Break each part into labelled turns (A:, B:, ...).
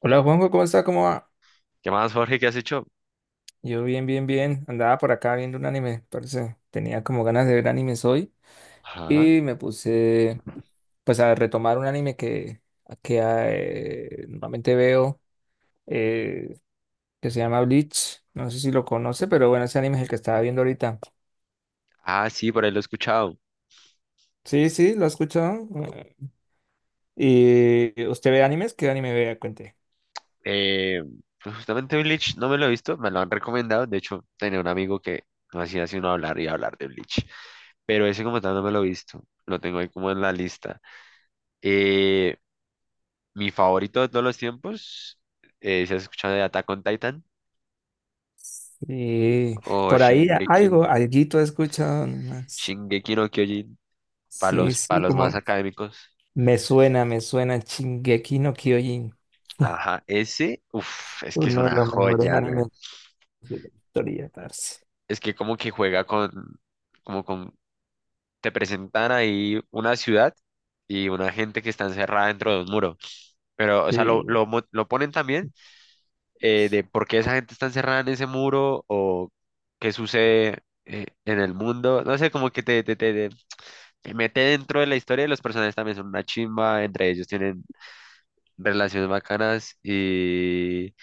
A: Hola Juanjo, ¿cómo está? ¿Cómo va?
B: ¿Qué más, Jorge? ¿Qué has hecho?
A: Yo bien, bien, bien. Andaba por acá viendo un anime, parece. Tenía como ganas de ver animes hoy
B: Ajá.
A: y me puse pues a retomar un anime que normalmente veo eh, que se llama Bleach. No sé si lo conoce, pero bueno, ese anime es el que estaba viendo ahorita.
B: Ah, sí, por ahí lo he escuchado.
A: Sí, sí, lo he escuchado. Eh, ¿Y usted ve animes? ¿Qué anime ve? Cuente.
B: Eh, pues justamente Bleach no me lo he visto, me lo han recomendado. De hecho, tenía un amigo que no hacía sino hablar y hablar de Bleach. Pero ese como tal no me lo he visto. Lo tengo ahí como en la lista. Eh, mi favorito de todos los tiempos, ¿se has escuchado de Attack on Titan
A: Y
B: o
A: por ahí
B: Shingeki,
A: algo, alguito he escuchado, nomás.
B: Shingeki no Kyojin para
A: Sí,
B: los, para
A: sí,
B: los
A: como
B: más académicos?
A: me suena, me suena Shingeki no Kyojin.
B: Ajá, ese, uff, es que es
A: Uno de
B: una
A: los mejores
B: joya, güey.
A: animes de la historia, parce.
B: Es que como que juega con, como con, te presentan ahí una ciudad y una gente que está encerrada dentro de un muro. Pero, o sea, lo,
A: Sí,
B: lo, mo- lo ponen también de por qué esa gente está encerrada en ese muro o qué sucede en el mundo. No sé, como que te mete dentro de la historia de los personajes también son una chimba, entre ellos tienen relaciones bacanas y,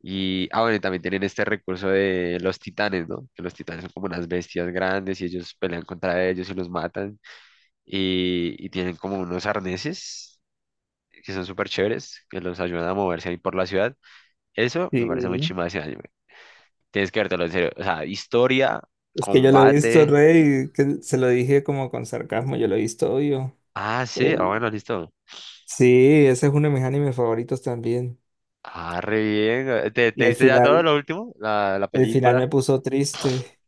B: y, ah, bueno, y también tienen este recurso de los titanes, ¿no? Que los titanes son como unas bestias grandes y ellos pelean contra ellos y los matan y tienen como unos arneses que son súper chéveres, que los ayudan a moverse ahí por la ciudad. Eso me parece muy
A: sí.
B: chimba de ese anime. Tienes que vértelo en serio. O sea, historia,
A: Es que yo lo he visto,
B: combate.
A: Rey, que se lo dije como con sarcasmo, yo lo he visto, obvio.
B: Ah, sí, ah,
A: El-
B: bueno, listo.
A: Sí, ese es uno de mis animes favoritos también.
B: Ah, re bien. ¿Te,
A: Y
B: te
A: al
B: viste ya todo
A: final,
B: lo último? La
A: el final
B: película.
A: me puso triste,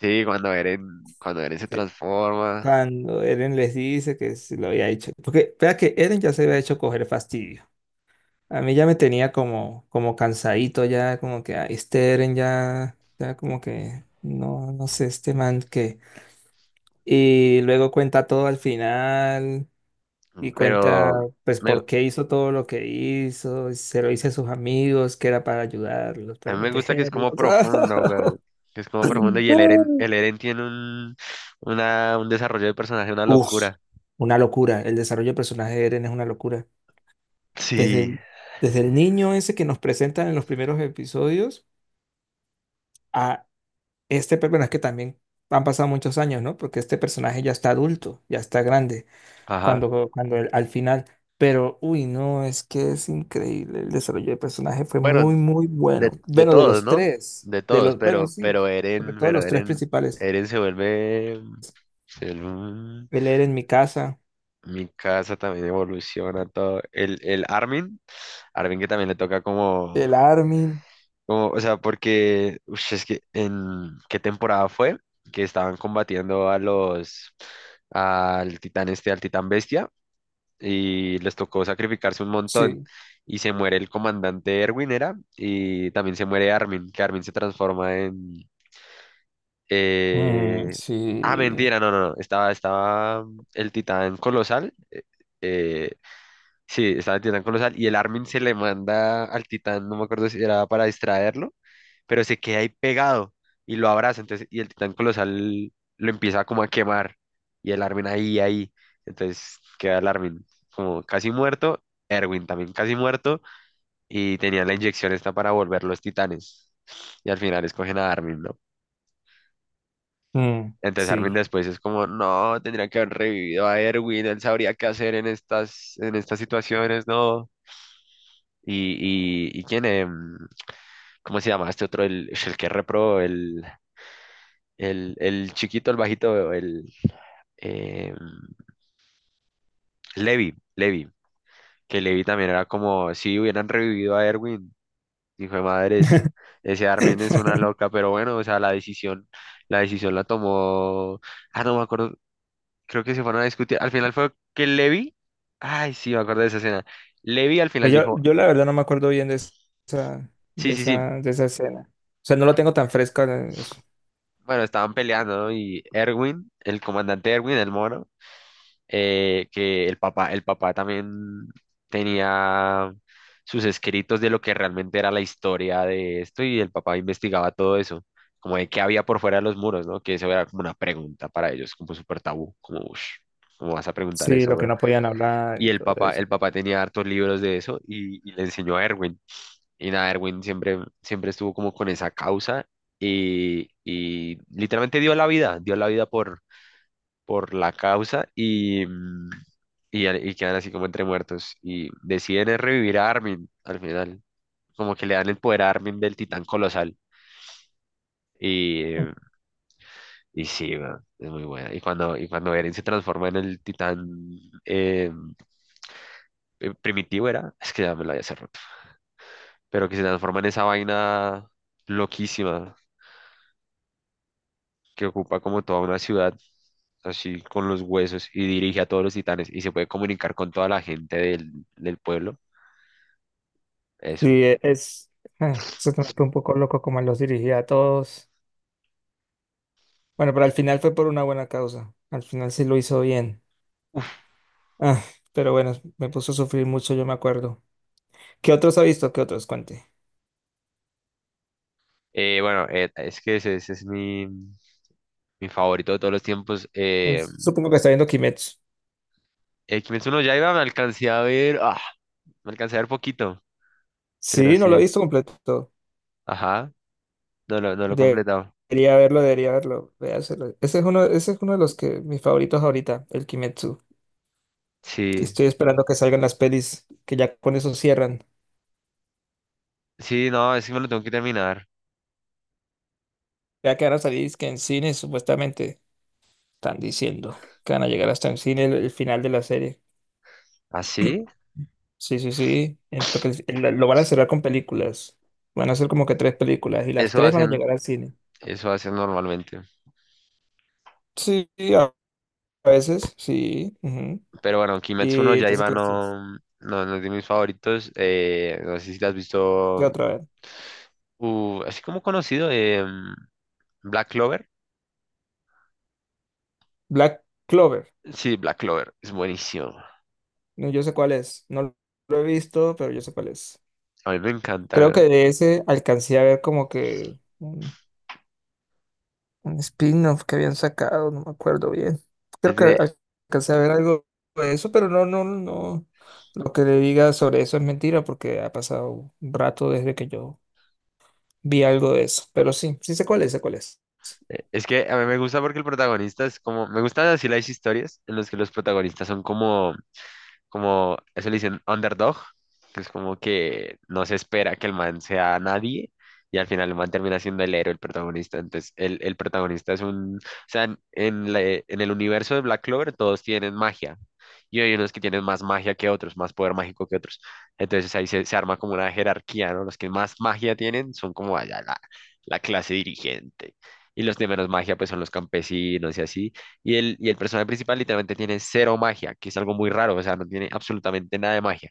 B: Sí, cuando Eren se
A: sí,
B: transforma.
A: cuando Eren les dice que se lo había hecho. Porque, vea que Eren ya se había hecho coger fastidio. A mí ya me tenía como, como cansadito, ya como que "Ay, este Eren ya, ya como que no, no sé, este man que". Y luego cuenta todo al final y cuenta
B: Pero
A: pues
B: me-
A: por qué hizo todo lo que hizo, y se lo dice a sus amigos que era para ayudarlos,
B: a mí
A: para
B: me gusta que es
A: protegerlos.
B: como profundo, güey, que es como profundo y el Eren, el Eren tiene un desarrollo de personaje, una
A: Uf,
B: locura.
A: una locura, el desarrollo del personaje de Eren es una locura. Desde
B: Sí,
A: el, desde el niño ese que nos presentan en los primeros episodios a este, bueno, es que también han pasado muchos años, ¿no? Porque este personaje ya está adulto, ya está grande,
B: ajá.
A: al final. Pero, uy, no, es que es increíble. El desarrollo del personaje fue
B: Bueno,
A: muy, muy
B: de,
A: bueno.
B: de
A: Bueno, de
B: todos,
A: los
B: ¿no?
A: tres,
B: De
A: de
B: todos,
A: los, bueno,
B: pero,
A: sí,
B: pero
A: sobre
B: Eren,
A: todo
B: pero
A: los tres
B: Eren,
A: principales.
B: Eren se vuelve.
A: El Eren en mi casa,
B: Mi casa también evoluciona todo. El Armin que también le toca como
A: el Armin,
B: Como, o sea, porque ush, es que en qué temporada fue que estaban combatiendo a los al titán este, al titán bestia, y les tocó sacrificarse un montón.
A: sí.
B: Y se muere el comandante Erwin, era, y también se muere Armin, que Armin se transforma en.
A: Mm,
B: eh, Ah,
A: sí.
B: mentira, no, no, no. Estaba el titán colosal. eh, Sí, estaba el titán colosal y el Armin se le manda al titán, no me acuerdo si era para distraerlo, pero se queda ahí pegado y lo abraza, entonces, y el titán colosal lo empieza como a quemar y el Armin ahí, entonces queda el Armin como casi muerto, Erwin también casi muerto y tenía la inyección esta para volver los titanes y al final escogen a Armin, ¿no?
A: Mm,
B: Entonces Armin
A: sí.
B: después es como, no, tendría que haber revivido a Erwin, él sabría qué hacer en estas situaciones, no. Y, quién, ¿cómo se llama? Este otro, el que es repro, el chiquito, el bajito, em, Levi, que Levi también era como si hubieran revivido a Erwin, hijo de madres, ese Armin es una loca, pero bueno, o sea, la decisión la tomó, no me acuerdo, creo que se fueron a discutir, al final fue que Levi, ay, sí, me acuerdo de esa escena, Levi al final
A: Pues yo,
B: dijo,
A: la verdad no me acuerdo bien de esa,
B: sí,
A: de
B: sí, sí.
A: esa, de esa escena. O sea, no lo tengo tan fresca.
B: Bueno, estaban peleando, ¿no? Y Erwin, el comandante Erwin, el mono, que el papá también tenía sus escritos de lo que realmente era la historia de esto y el papá investigaba todo eso, como de qué había por fuera de los muros, ¿no? Que eso era como una pregunta para ellos, como súper tabú, como, uff, ¿cómo vas a preguntar
A: Sí,
B: eso,
A: lo que
B: bro?
A: no podían hablar
B: Y
A: y
B: el
A: todo
B: papá, el
A: eso.
B: papá tenía hartos libros de eso y le enseñó a Erwin. Y nada, Erwin siempre, siempre estuvo como con esa causa y literalmente dio la vida por la causa y quedan así como entre muertos. Y deciden es revivir a Armin al final, como que le dan el poder a Armin del titán colosal. Y, eh, y, sí, weón, es muy buena. Y cuando Eren se transforma en el titán eh, primitivo, era, es que ya me lo había cerrado, pero que se transforma en esa vaina loquísima que ocupa como toda una ciudad así con los huesos y dirige a todos los titanes y se puede comunicar con toda la gente del pueblo.
A: Sí,
B: Eso.
A: es, eso también fue un poco loco como los dirigía a todos. Bueno, pero al final fue por una buena causa. Al final sí lo hizo bien. Ah, pero bueno, me puso a sufrir mucho, yo me acuerdo. ¿Qué otros ha visto? ¿Qué otros? Cuente.
B: Bueno, es que ese es mi favorito de todos los tiempos. Eh,
A: Pues, supongo que está viendo Kimetsu.
B: el Kimetsu no Yaiba me alcancé a ver, me alcancé a ver poquito, pero
A: Sí, no lo
B: sí,
A: he visto completo.
B: ajá, no lo he
A: De-
B: completado.
A: Debería verlo, debería verlo. Véaselo. Ese es uno de los que mis favoritos ahorita, el Kimetsu. Que
B: Sí,
A: estoy esperando que salgan las pelis, que ya con eso cierran.
B: sí, no, es que me lo tengo que terminar.
A: Ya que van a salir es que en cine, supuestamente, están diciendo que van a llegar hasta en cine el final de la serie.
B: Así,
A: Sí, sí, sí. Porque lo van a cerrar con películas. Van a hacer como que tres películas y las
B: eso
A: tres van a
B: hacen,
A: llegar al cine.
B: eso hacen normalmente.
A: Sí, a a veces, sí, ujú.
B: Pero bueno, Kimetsu no
A: Y entonces,
B: Yaiba
A: ¿qué las tres?
B: no, no, no es de mis favoritos. No sé si te has
A: ¿Qué
B: visto,
A: otra vez?
B: así como conocido, Black Clover.
A: Black Clover.
B: Sí, Black Clover, es buenísimo.
A: No, yo sé cuál es. No lo he visto, pero yo sé cuál es.
B: A mí me encanta.
A: Creo que de ese alcancé a ver como que un spin-off que habían sacado, no me acuerdo bien. Creo
B: Es
A: que
B: de-
A: al- Alcancé a ver algo de eso, pero no, no, no. Lo que le diga sobre eso es mentira porque ha pasado un rato desde que yo vi algo de eso. Pero sí, sí sé cuál es, sé cuál es.
B: es que a mí me gusta porque el protagonista es como, me gustan así las historias en las que los protagonistas son como eso le dicen underdog, que es como que no se espera que el man sea nadie y al final el man termina siendo el héroe, el protagonista. Entonces, el protagonista es un, o sea, en el universo de Black Clover todos tienen magia y hay unos que tienen más magia que otros, más poder mágico que otros. Entonces ahí se arma como una jerarquía, ¿no? Los que más magia tienen son como allá la clase dirigente. Y los de menos magia pues son los campesinos y así. Y el personaje principal literalmente tiene cero magia, que es algo muy raro, o sea, no tiene absolutamente nada de magia.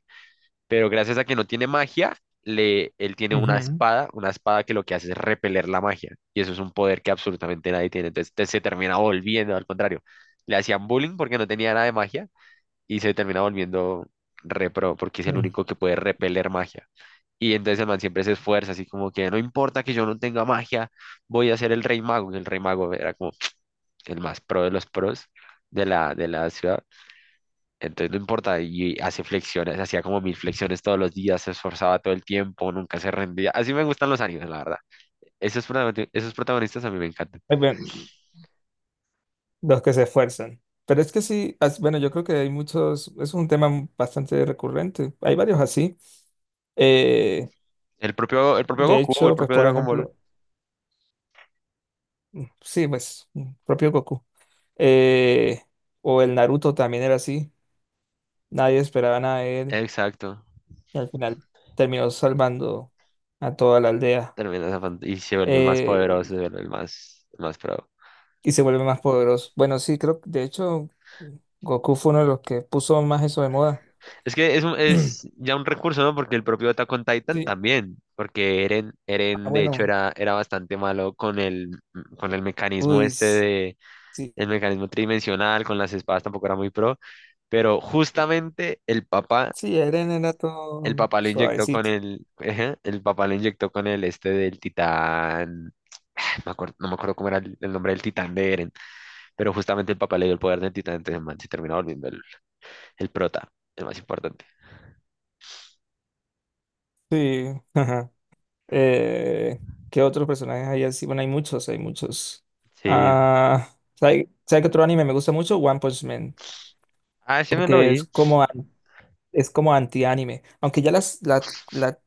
B: Pero gracias a que no tiene magia, él tiene
A: Ujú.
B: una espada que lo que hace es repeler la magia. Y eso es un poder que absolutamente nadie tiene. Entonces, se termina volviendo, al contrario. Le hacían bullying porque no tenía nada de magia y se termina volviendo repro porque es el
A: Mm.
B: único que puede repeler magia. Y entonces el man siempre se esfuerza, así como que no importa que yo no tenga magia, voy a ser el rey mago. Y el rey mago era como el más pro de los pros de la ciudad. Entonces no importa, y hace flexiones, hacía como mil flexiones todos los días, se esforzaba todo el tiempo, nunca se rendía. Así me gustan los animes, la verdad. Esos protagonistas a mí me encantan.
A: Bueno, los que se esfuerzan. Pero es que sí, bueno, yo creo que hay muchos, es un tema bastante recurrente. Hay varios así. Eh,
B: El propio
A: de
B: Goku, el
A: hecho, pues
B: propio
A: por
B: Dragon Ball.
A: ejemplo, sí, pues, mm, propio Goku. Eh, o el Naruto también era así. Nadie esperaba nada de él.
B: Exacto.
A: Y al final terminó salvando a toda la aldea.
B: Termina esa y se vuelve el más
A: eh,
B: poderoso, se vuelve el más pro.
A: y se vuelve más poderoso. Bueno, sí, creo que de hecho Goku fue uno de los que puso más eso de moda.
B: Es que es ya un recurso, ¿no? Porque el propio Attack on Titan
A: Sí.
B: también, porque Eren,
A: Ah,
B: Eren de hecho
A: bueno.
B: era bastante malo con el mecanismo
A: Uy,
B: este de
A: sí.
B: el mecanismo tridimensional, con las espadas tampoco era muy pro, pero justamente el papá,
A: Sí, Eren era
B: el
A: todo
B: papá lo inyectó con
A: suavecito.
B: el, ajá, el papá lo inyectó con el este del titán, ay, no me acuerdo cómo era el nombre del titán de Eren, pero justamente el papá le dio el poder del titán, entonces el man se termina volviendo el prota, el más importante.
A: Sí. Eh, ¿qué otros personajes hay así? Bueno, hay muchos, hay muchos.
B: Sí,
A: Ah, ¿sabe, sabe qué otro anime me gusta mucho? One Punch Man,
B: sí me lo
A: porque es
B: vi,
A: como, es como anti-anime. Aunque ya la,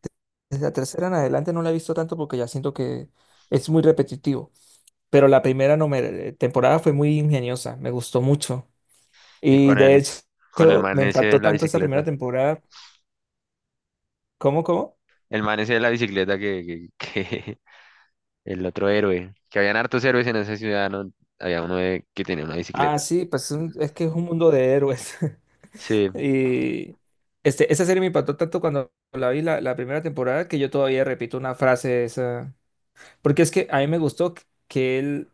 A: desde la tercera en adelante no la he visto tanto porque ya siento que es muy repetitivo. Pero la primera no me- temporada fue muy ingeniosa, me gustó mucho.
B: y
A: Y
B: con
A: de
B: el, con el
A: hecho,
B: man
A: me
B: ese de
A: impactó
B: la
A: tanto esta primera
B: bicicleta,
A: temporada. ¿Cómo, cómo?
B: el man ese de la bicicleta que el otro héroe, que habían hartos héroes en esa ciudad, ¿no? Había que tenía una
A: Ah,
B: bicicleta.
A: sí, pues es es que es un mundo de héroes.
B: Sí,
A: Y este, esa serie me impactó tanto cuando la vi la primera temporada que yo todavía repito una frase de esa. Porque es que a mí me gustó que él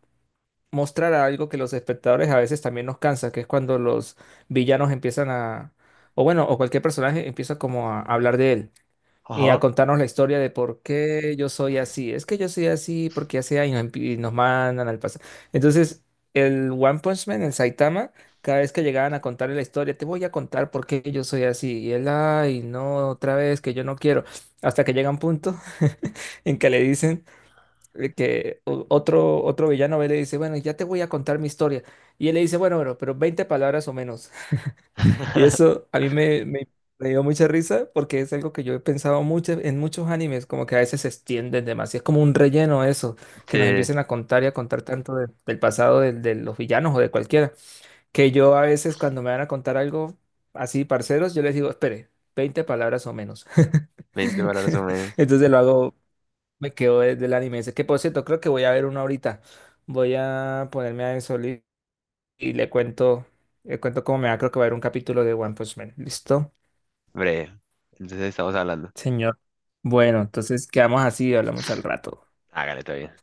A: mostrara algo que los espectadores a veces también nos cansa, que es cuando los villanos empiezan a, o bueno, o cualquier personaje empieza como a hablar de él y a
B: ajá.
A: contarnos la historia de por qué yo soy así. Es que yo soy así porque así hay y nos, y nos mandan al pasado. Entonces, el One Punch Man, el Saitama, cada vez que llegaban a contarle la historia, te voy a contar por qué yo soy así. Y él, ay, no, otra vez, que yo no quiero. Hasta que llega un punto en que le dicen que otro, otro villano ve y le dice, bueno, ya te voy a contar mi historia. Y él le dice, bueno, pero 20 palabras o menos. Y eso a mí me dio mucha risa porque es algo que yo he pensado mucho en muchos animes, como que a veces se extienden demasiado. Es como un relleno eso, que
B: Sí,
A: nos empiecen a contar y a contar tanto del pasado de los villanos o de cualquiera, que yo a veces cuando me van a contar algo así, parceros, yo les digo, espere, 20 palabras o menos.
B: veinte palabras o menos.
A: Entonces lo hago, me quedo desde el anime ese, que por cierto, creo que voy a ver uno ahorita. Voy a ponerme a eso y le cuento cómo me va, creo que va a haber un capítulo de One Punch Man. ¿Listo?
B: Breve. Entonces estamos hablando.
A: Señor. Bueno, entonces quedamos así y hablamos al rato.
B: Hágale, todavía.